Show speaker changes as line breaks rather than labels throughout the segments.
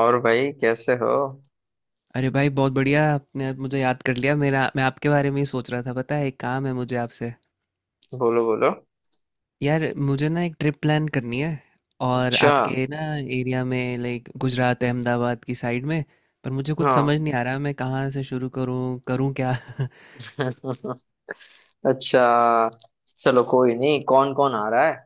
और भाई कैसे हो।
अरे भाई बहुत बढ़िया। आपने आज मुझे याद कर लिया, मेरा मैं आपके बारे में ही सोच रहा था। पता है, एक काम है मुझे आपसे।
बोलो बोलो।
यार मुझे ना एक ट्रिप प्लान करनी है, और
अच्छा।
आपके ना एरिया में, लाइक गुजरात अहमदाबाद की साइड में। पर मुझे कुछ समझ
हाँ।
नहीं आ रहा मैं कहाँ से शुरू करूँ, करूँ क्या।
अच्छा, चलो कोई नहीं, कौन कौन आ रहा है?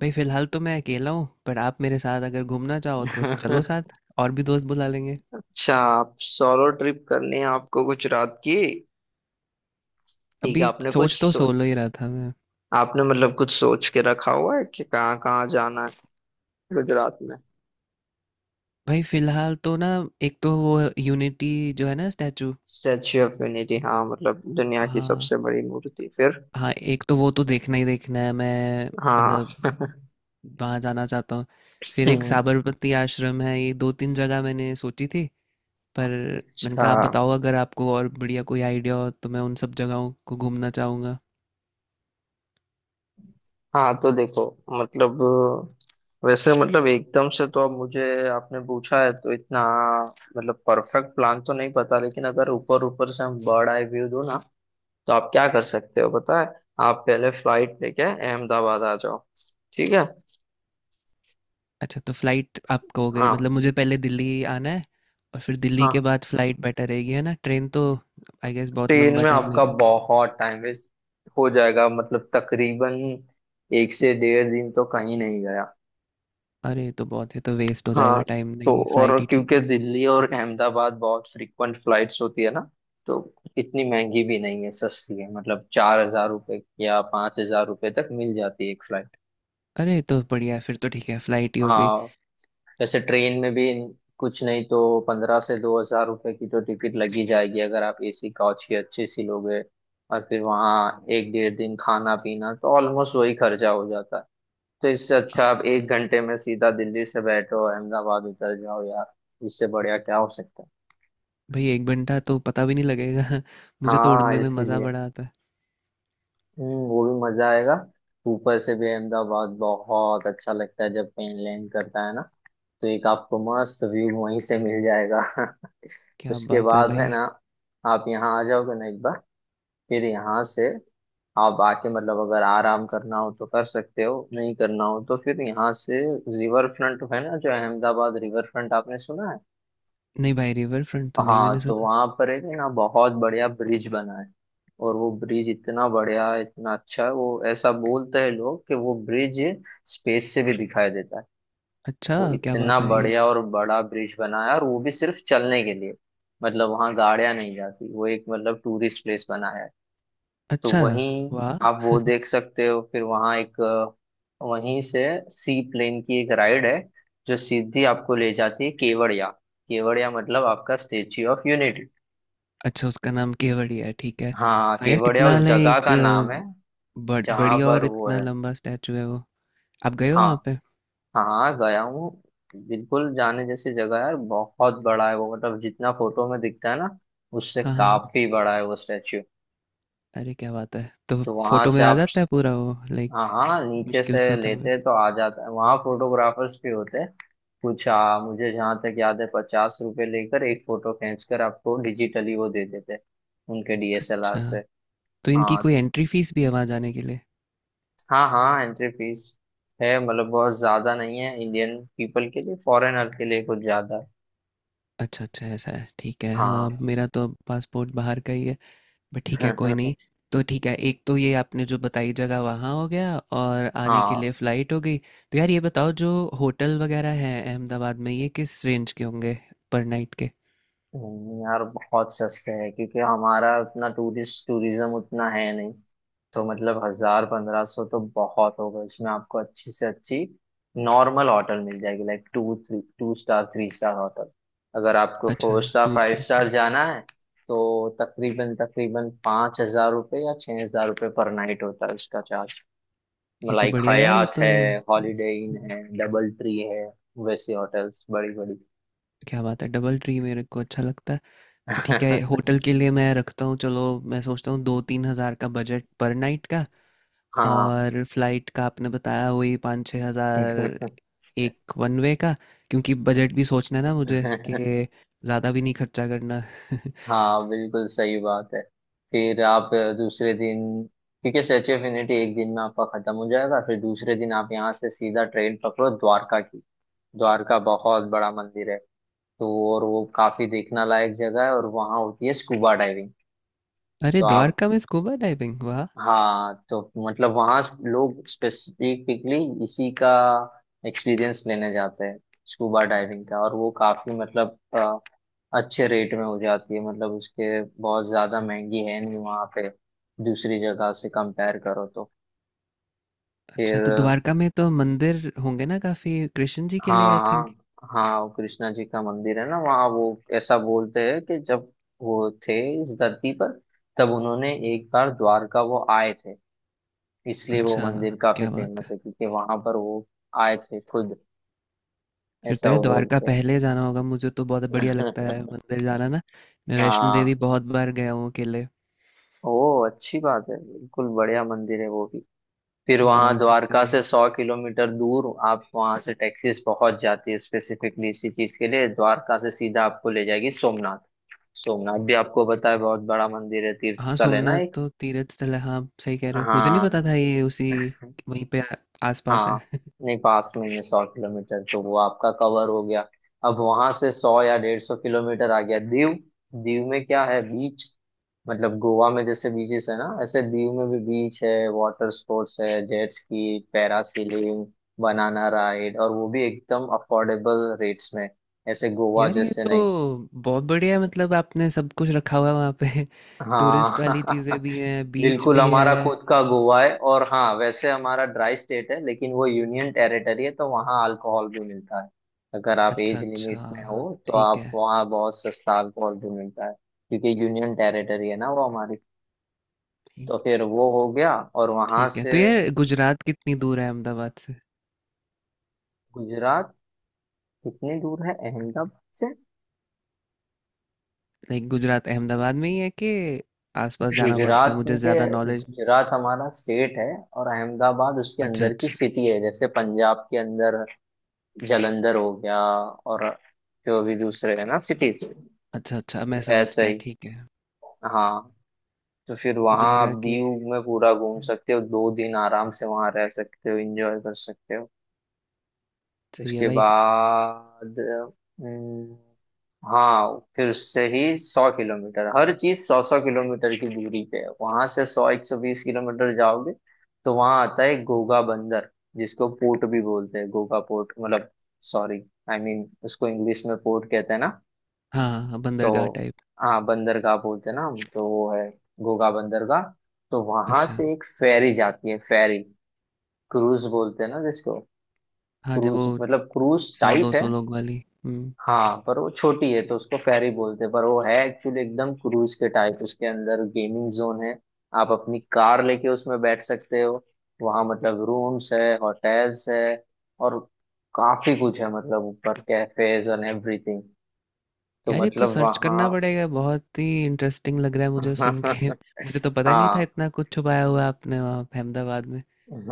भाई फिलहाल तो मैं अकेला हूँ, पर आप मेरे साथ अगर घूमना चाहो तो चलो साथ। और भी दोस्त बुला लेंगे।
अच्छा, आप सोलो ट्रिप करनी है आपको गुजरात की? ठीक है,
अभी
आपने कुछ
सोच तो सोलो ही रहा था मैं।
आपने मतलब कुछ सोच के रखा हुआ है कि कहाँ कहाँ जाना है, गुजरात में?
भाई फिलहाल तो ना, एक तो वो यूनिटी जो है ना, स्टैचू।
स्टैच्यू ऑफ यूनिटी, हाँ, मतलब दुनिया की
हाँ।
सबसे बड़ी मूर्ति। फिर
हाँ एक तो वो तो देखना ही देखना है, मैं
हाँ।
मतलब वहाँ जाना चाहता हूँ। फिर एक
हम्म,
साबरमती आश्रम है, ये दो तीन जगह मैंने सोची थी। पर मैंने
अच्छा।
कहा आप बताओ, अगर आपको और बढ़िया कोई आइडिया हो तो मैं उन सब जगहों को घूमना चाहूँगा।
हाँ तो देखो, मतलब वैसे मतलब एकदम से तो अब मुझे, आपने पूछा है तो इतना मतलब परफेक्ट प्लान तो नहीं पता, लेकिन अगर ऊपर ऊपर से हम बर्ड आई व्यू दो ना, तो आप क्या कर सकते हो पता है, आप पहले फ्लाइट लेके अहमदाबाद आ जाओ। ठीक है।
अच्छा, तो फ्लाइट आप कहोगे
हाँ।
मतलब। मुझे पहले दिल्ली आना है, और फिर दिल्ली
हाँ,
के बाद फ्लाइट बेटर रहेगी है ना? ट्रेन तो आई गेस बहुत
ट्रेन
लंबा
में
टाइम
आपका
लेगा।
बहुत टाइम वेस्ट हो जाएगा, मतलब तकरीबन एक से डेढ़ दिन तो कहीं नहीं गया।
अरे तो बहुत है, तो वेस्ट हो जाएगा
हाँ,
टाइम,
तो
नहीं
और
फ्लाइट ही ठीक
क्योंकि
है।
दिल्ली और अहमदाबाद बहुत फ्रीक्वेंट फ्लाइट्स होती है ना, तो इतनी महंगी भी नहीं है, सस्ती है, मतलब 4,000 रुपये या 5,000 रुपये तक मिल जाती है एक फ्लाइट।
अरे तो बढ़िया है, फिर तो ठीक है, फ्लाइट ही हो गई।
हाँ, जैसे ट्रेन में भी कुछ नहीं तो 1,500 से 2,000 रुपये की तो टिकट लगी जाएगी, अगर आप एसी कोच की अच्छी सी लोगे, और फिर वहाँ एक डेढ़ दिन खाना पीना, तो ऑलमोस्ट वही खर्चा हो जाता है। तो इससे अच्छा आप एक घंटे में सीधा दिल्ली से बैठो, अहमदाबाद उतर जाओ यार, इससे बढ़िया क्या हो सकता है।
भाई एक घंटा तो पता भी नहीं लगेगा। मुझे तो
हाँ
उड़ने में मज़ा
इसीलिए।
बड़ा आता है।
हम्म, वो भी मजा आएगा, ऊपर से भी अहमदाबाद बहुत अच्छा लगता है जब प्लेन लैंड करता है ना, तो एक आपको मस्त व्यू वहीं से मिल जाएगा।
क्या
उसके
बात है
बाद है
भाई।
ना, आप यहाँ आ जाओगे ना एक बार, फिर यहाँ से आप आके मतलब अगर आराम करना हो तो कर सकते हो, नहीं करना हो तो फिर यहाँ से रिवर फ्रंट है ना, जो अहमदाबाद रिवर फ्रंट, आपने सुना है?
नहीं भाई, रिवर फ्रंट तो नहीं मैंने
हाँ, तो
सुना।
वहां पर एक ना बहुत बढ़िया ब्रिज बना है, और वो ब्रिज इतना बढ़िया है, इतना अच्छा है वो, ऐसा बोलते हैं लोग कि वो ब्रिज स्पेस से भी दिखाई देता है।
अच्छा।
वो
क्या
इतना
बात है ये।
बढ़िया और बड़ा ब्रिज बना है, और वो भी सिर्फ चलने के लिए, मतलब वहाँ गाड़ियां नहीं जाती, वो एक मतलब टूरिस्ट प्लेस बना है। तो
अच्छा।
वहीं
वाह।
आप वो देख सकते हो। फिर वहाँ एक, वहीं से सी प्लेन की एक राइड है, जो सीधी आपको ले जाती है केवड़िया, केवड़िया मतलब आपका स्टेच्यू ऑफ यूनिटी।
अच्छा उसका नाम केवड़िया है, ठीक है।
हाँ
हाँ यार,
केवड़िया
कितना
उस
है
जगह
एक
का नाम है जहां
बड़ी और
पर वो
इतना
है।
लंबा स्टैचू है वो। आप गए हो
हाँ,
वहाँ पे?
हाँ गया हूँ। बिल्कुल जाने जैसी जगह है यार, बहुत बड़ा है वो, मतलब जितना फोटो में दिखता है ना, उससे
हाँ हाँ हाँ।
काफी बड़ा है वो स्टैच्यू।
अरे क्या बात है। तो
तो वहां
फोटो
से
में आ
आप,
जाता है पूरा वो, लाइक
हाँ हाँ, नीचे से
मुश्किल से होता हुआ।
लेते हैं तो आ जाता है, वहाँ फोटोग्राफर्स भी होते हैं, कुछ मुझे जहाँ तक याद है 50 रुपए लेकर एक फोटो खींचकर आपको डिजिटली वो दे देते हैं, उनके डीएसएलआर
अच्छा,
से।
तो इनकी
हाँ।
कोई एंट्री फीस भी है वहाँ जाने के लिए?
हाँ हाँ एंट्री फीस है, मतलब बहुत ज्यादा नहीं है इंडियन पीपल के लिए, फॉरेनर के लिए कुछ ज्यादा है।
अच्छा अच्छा ऐसा है, ठीक है।
हाँ।
हाँ मेरा तो पासपोर्ट बाहर का ही है। बट ठीक है, कोई नहीं। तो ठीक है, एक तो ये आपने जो बताई जगह वहाँ हो गया, और आने के लिए
हाँ,
फ़्लाइट हो गई। तो यार ये बताओ, जो होटल वगैरह हैं अहमदाबाद में ये किस रेंज के होंगे पर नाइट के?
नहीं यार बहुत सस्ते हैं, क्योंकि हमारा उतना टूरिस्ट टूरिज्म उतना है नहीं, तो मतलब 1,000 से 1,500 तो बहुत होगा, इसमें आपको अच्छी से अच्छी नॉर्मल होटल मिल जाएगी, like two three, two star three star hotel. अगर आपको
अच्छा,
four star
two
five
three
star
star.
जाना है, तो तकरीबन तकरीबन 5,000 रुपये या 6,000 रुपये पर नाइट होता है उसका चार्ज।
ये तो
लाइक
बढ़िया यार, ये
हयात
तो
है, हॉलीडे इन है, डबल ट्री है, वैसी होटल्स बड़ी बड़ी।
क्या बात है, डबल ट्री मेरे को अच्छा लगता है। तो ठीक है, होटल के लिए मैं रखता हूँ चलो। मैं सोचता हूँ दो तीन हज़ार का बजट पर नाइट का।
हाँ।
और फ्लाइट का आपने बताया वही पाँच छः हज़ार, एक वन वे का। क्योंकि बजट भी सोचना है ना मुझे, कि ज़्यादा भी नहीं खर्चा करना।
हाँ, बिल्कुल सही बात है। फिर आप दूसरे दिन, क्योंकि स्टैचू ऑफ यूनिटी एक दिन में आपका खत्म हो जाएगा, फिर दूसरे दिन आप यहाँ से सीधा ट्रेन पकड़ो द्वारका की। द्वारका बहुत बड़ा मंदिर है, तो, और वो काफी देखना लायक जगह है, और वहाँ होती है स्कूबा डाइविंग।
अरे
तो आप,
द्वारका में स्कूबा डाइविंग, वाह।
हाँ तो मतलब वहाँ लोग स्पेसिफिकली इसी का एक्सपीरियंस लेने जाते हैं, स्कूबा डाइविंग का, और वो काफी मतलब अच्छे रेट में हो जाती है, मतलब उसके बहुत ज्यादा महंगी है नहीं वहाँ पे, दूसरी जगह से कंपेयर करो तो।
अच्छा तो
फिर,
द्वारका में तो मंदिर होंगे ना काफ़ी, कृष्ण जी के लिए आई
हाँ
थिंक।
हाँ हाँ, वो कृष्णा जी का मंदिर है ना वहाँ, वो ऐसा बोलते हैं कि जब वो थे इस धरती पर, तब उन्होंने एक बार द्वारका वो आए थे, इसलिए वो
अच्छा।
मंदिर काफी
क्या बात है।
फेमस है, क्योंकि वहां पर वो आए थे खुद,
फिर तो
ऐसा
यार
वो
द्वारका
बोलते
पहले जाना होगा, मुझे तो बहुत बढ़िया
हैं।
लगता है मंदिर जाना ना। मैं वैष्णो देवी
हाँ।
बहुत बार गया हूँ अकेले।
ओ, अच्छी बात है, बिल्कुल बढ़िया मंदिर है वो भी। फिर
हाँ
वहां
वहाँ पे।
द्वारका से 100 किलोमीटर दूर, आप वहां से टैक्सीज पहुंच जाती है स्पेसिफिकली इसी चीज के लिए, द्वारका से सीधा आपको ले जाएगी सोमनाथ। सोमनाथ भी आपको पता है बहुत बड़ा मंदिर है, तीर्थ
हाँ,
स्थल है ना
सोमनाथ
एक।
तो तीर्थ स्थल है। हाँ, सही कह रहे हो। मुझे नहीं
हाँ।
पता था ये उसी वहीं पे आ- आसपास है।
हाँ, नहीं पास में ही है, 100 किलोमीटर, तो वो आपका कवर हो गया। अब वहां से 100 या 150 किलोमीटर, आ गया दीव। दीव में क्या है, बीच, मतलब गोवा में जैसे बीचेस है ना, ऐसे दीव में भी बीच है, वाटर स्पोर्ट्स है, jet ski, parasailing, banana ride, और वो भी एकदम अफोर्डेबल रेट्स में, ऐसे गोवा
यार ये
जैसे
तो
नहीं।
बहुत बढ़िया है, मतलब आपने सब कुछ रखा हुआ है वहाँ पे। टूरिस्ट
हाँ।
वाली चीज़ें भी हैं, बीच
बिल्कुल
भी है।
हमारा खुद का गोवा है। और हाँ वैसे हमारा ड्राई स्टेट है, लेकिन वो यूनियन टेरिटरी है, तो वहाँ अल्कोहल भी मिलता है, अगर आप
अच्छा
एज लिमिट में हो।
अच्छा
तो
ठीक
आप
है।
वहाँ बहुत सस्ता अल्कोहल भी मिलता है, क्योंकि यूनियन टेरिटरी है ना वो हमारी।
ठीक।
तो फिर वो हो गया, और वहाँ
ठीक है
से,
तो ये गुजरात कितनी दूर है अहमदाबाद से?
गुजरात कितनी दूर है अहमदाबाद से?
लाइक गुजरात अहमदाबाद में ही है, कि आसपास जाना पड़ता है?
गुजरात
मुझे
के,
ज़्यादा नॉलेज नहीं।
गुजरात हमारा स्टेट है, और अहमदाबाद उसके
अच्छा
अंदर की
अच्छा।
सिटी है, जैसे पंजाब के अंदर जलंधर हो गया, और जो अभी दूसरे है ना सिटीज,
अच्छा अच्छा मैं समझ
वैसे
गया,
ही।
ठीक है।
हाँ, तो फिर
मुझे
वहाँ आप
लगा कि।
दीव में पूरा घूम सकते हो, दो दिन आराम से वहाँ रह सकते हो, एंजॉय कर सकते हो।
सही है
उसके
भाई।
बाद, हम्म, हाँ फिर उससे ही 100 किलोमीटर, हर चीज 100-100 किलोमीटर की दूरी पे है, वहां से 100-120 किलोमीटर जाओगे, तो वहां आता है घोघा बंदर, जिसको पोर्ट भी बोलते हैं, घोघा पोर्ट मतलब, सॉरी आई मीन उसको इंग्लिश में पोर्ट कहते हैं ना,
हाँ, हाँ, बंदरगाह
तो,
टाइप।
हाँ बंदरगाह बोलते हैं ना हम, तो वो है घूघा बंदरगाह। तो वहां
अच्छा,
से एक फेरी जाती है, फेरी, क्रूज बोलते हैं ना जिसको,
हाँ, जब
क्रूज
वो
मतलब क्रूज टाइप है।
100-200 लोग वाली। हुँ।
हाँ पर वो छोटी है तो उसको फेरी बोलते हैं, पर वो है एक्चुअली एकदम क्रूज के टाइप, उसके अंदर गेमिंग जोन है, आप अपनी कार लेके उसमें बैठ सकते हो, वहाँ मतलब रूम्स है, होटल्स है, और काफी कुछ है, मतलब ऊपर कैफेज एंड एवरीथिंग, तो
यार, ये तो
मतलब
सर्च करना
वहाँ।
पड़ेगा, बहुत ही इंटरेस्टिंग लग रहा है मुझे सुन के। मुझे तो पता नहीं था
हाँ
इतना कुछ छुपाया हुआ है आपने वहाँ पे अहमदाबाद में।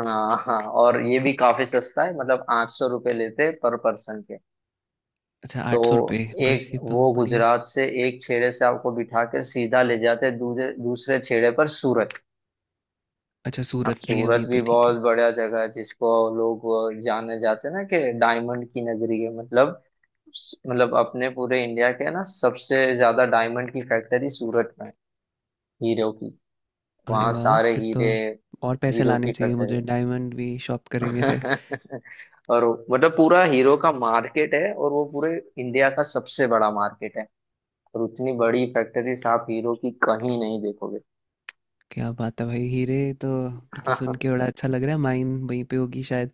हाँ हाँ, और ये भी काफी सस्ता है, मतलब 800 रुपये लेते पर पर्सन के।
अच्छा,
तो
₹800 बस,
एक
ये तो
वो
बढ़िया है।
गुजरात से एक छेड़े से आपको बिठा के सीधा ले जाते दूसरे दूसरे छेड़े पर, सूरत।
अच्छा,
अब
सूरत भी है
सूरत
वहीं
भी
पे, ठीक
बहुत
है।
बढ़िया जगह है, जिसको लोग जाने जाते हैं ना कि डायमंड की नगरी है, मतलब, मतलब अपने पूरे इंडिया के ना सबसे ज्यादा डायमंड की फैक्ट्री सूरत में है, हीरो की,
अरे
वहाँ
वाह!
सारे
फिर तो
हीरे,
और पैसे
हीरो
लाने
की
चाहिए
फैक्ट्री।
मुझे, डायमंड भी शॉप करेंगे फिर।
और मतलब पूरा हीरो का मार्केट है, और वो पूरे इंडिया का सबसे बड़ा मार्केट है, और उतनी बड़ी फैक्ट्रीज आप हीरो की कहीं नहीं देखोगे।
क्या बात है भाई! हीरे तो, ये तो सुन के बड़ा अच्छा लग रहा है, माइन वहीं पे होगी शायद।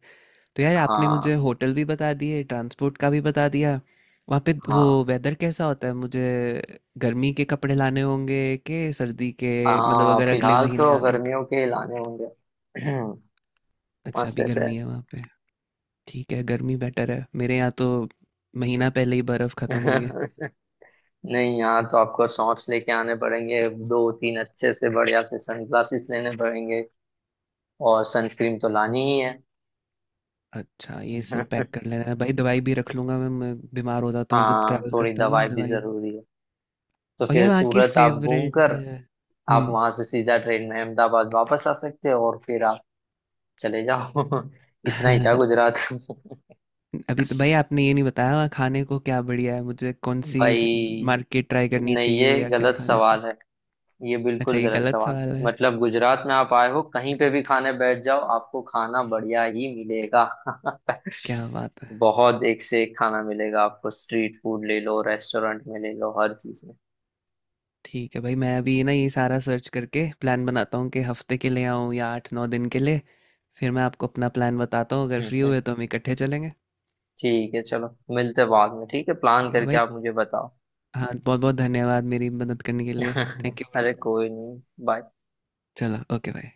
तो यार आपने मुझे
हाँ।
होटल भी बता दिए, ट्रांसपोर्ट का भी बता दिया। वहाँ पे वो
हाँ।
वेदर कैसा होता है? मुझे गर्मी के कपड़े लाने होंगे कि सर्दी के? मतलब
हाँ
अगर अगले
फिलहाल
महीने
तो
आना हो।
गर्मियों के लाने होंगे,
अच्छा
मस्त
अभी
ऐसे।
गर्मी है वहाँ पे। ठीक है, गर्मी बेटर है। मेरे यहाँ तो महीना पहले ही बर्फ़ ख़त्म हुई है।
नहीं यहाँ तो आपको शॉर्ट्स लेके आने पड़ेंगे, दो तीन अच्छे से बढ़िया से सनग्लासेस लेने पड़ेंगे, और सनस्क्रीन तो लानी ही है।
अच्छा ये सब पैक कर लेना है भाई, दवाई भी रख लूँगा मैं। मैं बीमार हो जाता हूँ जब
हाँ
ट्रैवल
थोड़ी
करता हूँ ना,
दवाई भी
दवाई भी।
जरूरी है। तो
और
फिर
यार वहाँ के
सूरत आप घूम
फेवरेट
कर आप
हम्म
वहां से सीधा ट्रेन में अहमदाबाद वापस आ सकते हो, और फिर आप चले जाओ। इतना ही था गुजरात।
अभी तो भाई आपने ये नहीं बताया खाने को क्या बढ़िया है, मुझे कौन सी
भाई,
मार्केट ट्राई करनी
नहीं
चाहिए
ये
या क्या
गलत
खाना चाहिए?
सवाल है, ये
अच्छा,
बिल्कुल
ये
गलत
गलत
सवाल
सवाल
है,
है?
मतलब गुजरात में आप आए हो कहीं पे भी खाने बैठ जाओ आपको खाना बढ़िया ही मिलेगा।
क्या बात है।
बहुत एक से एक खाना मिलेगा आपको, स्ट्रीट फूड ले लो, रेस्टोरेंट में ले लो, हर चीज में।
ठीक है भाई, मैं अभी ना ये सारा सर्च करके प्लान बनाता हूँ, कि हफ्ते के लिए आऊँ या आठ नौ दिन के लिए। फिर मैं आपको अपना प्लान बताता हूँ, अगर
हम्म,
फ्री
हम्म।
हुए तो हम इकट्ठे चलेंगे।
ठीक है चलो, मिलते बाद में, ठीक है, प्लान
ठीक है
करके
भाई।
आप मुझे बताओ।
हाँ बहुत बहुत धन्यवाद मेरी मदद करने के लिए। Thank you bro.
अरे कोई नहीं। बाय।
चलो ओके भाई।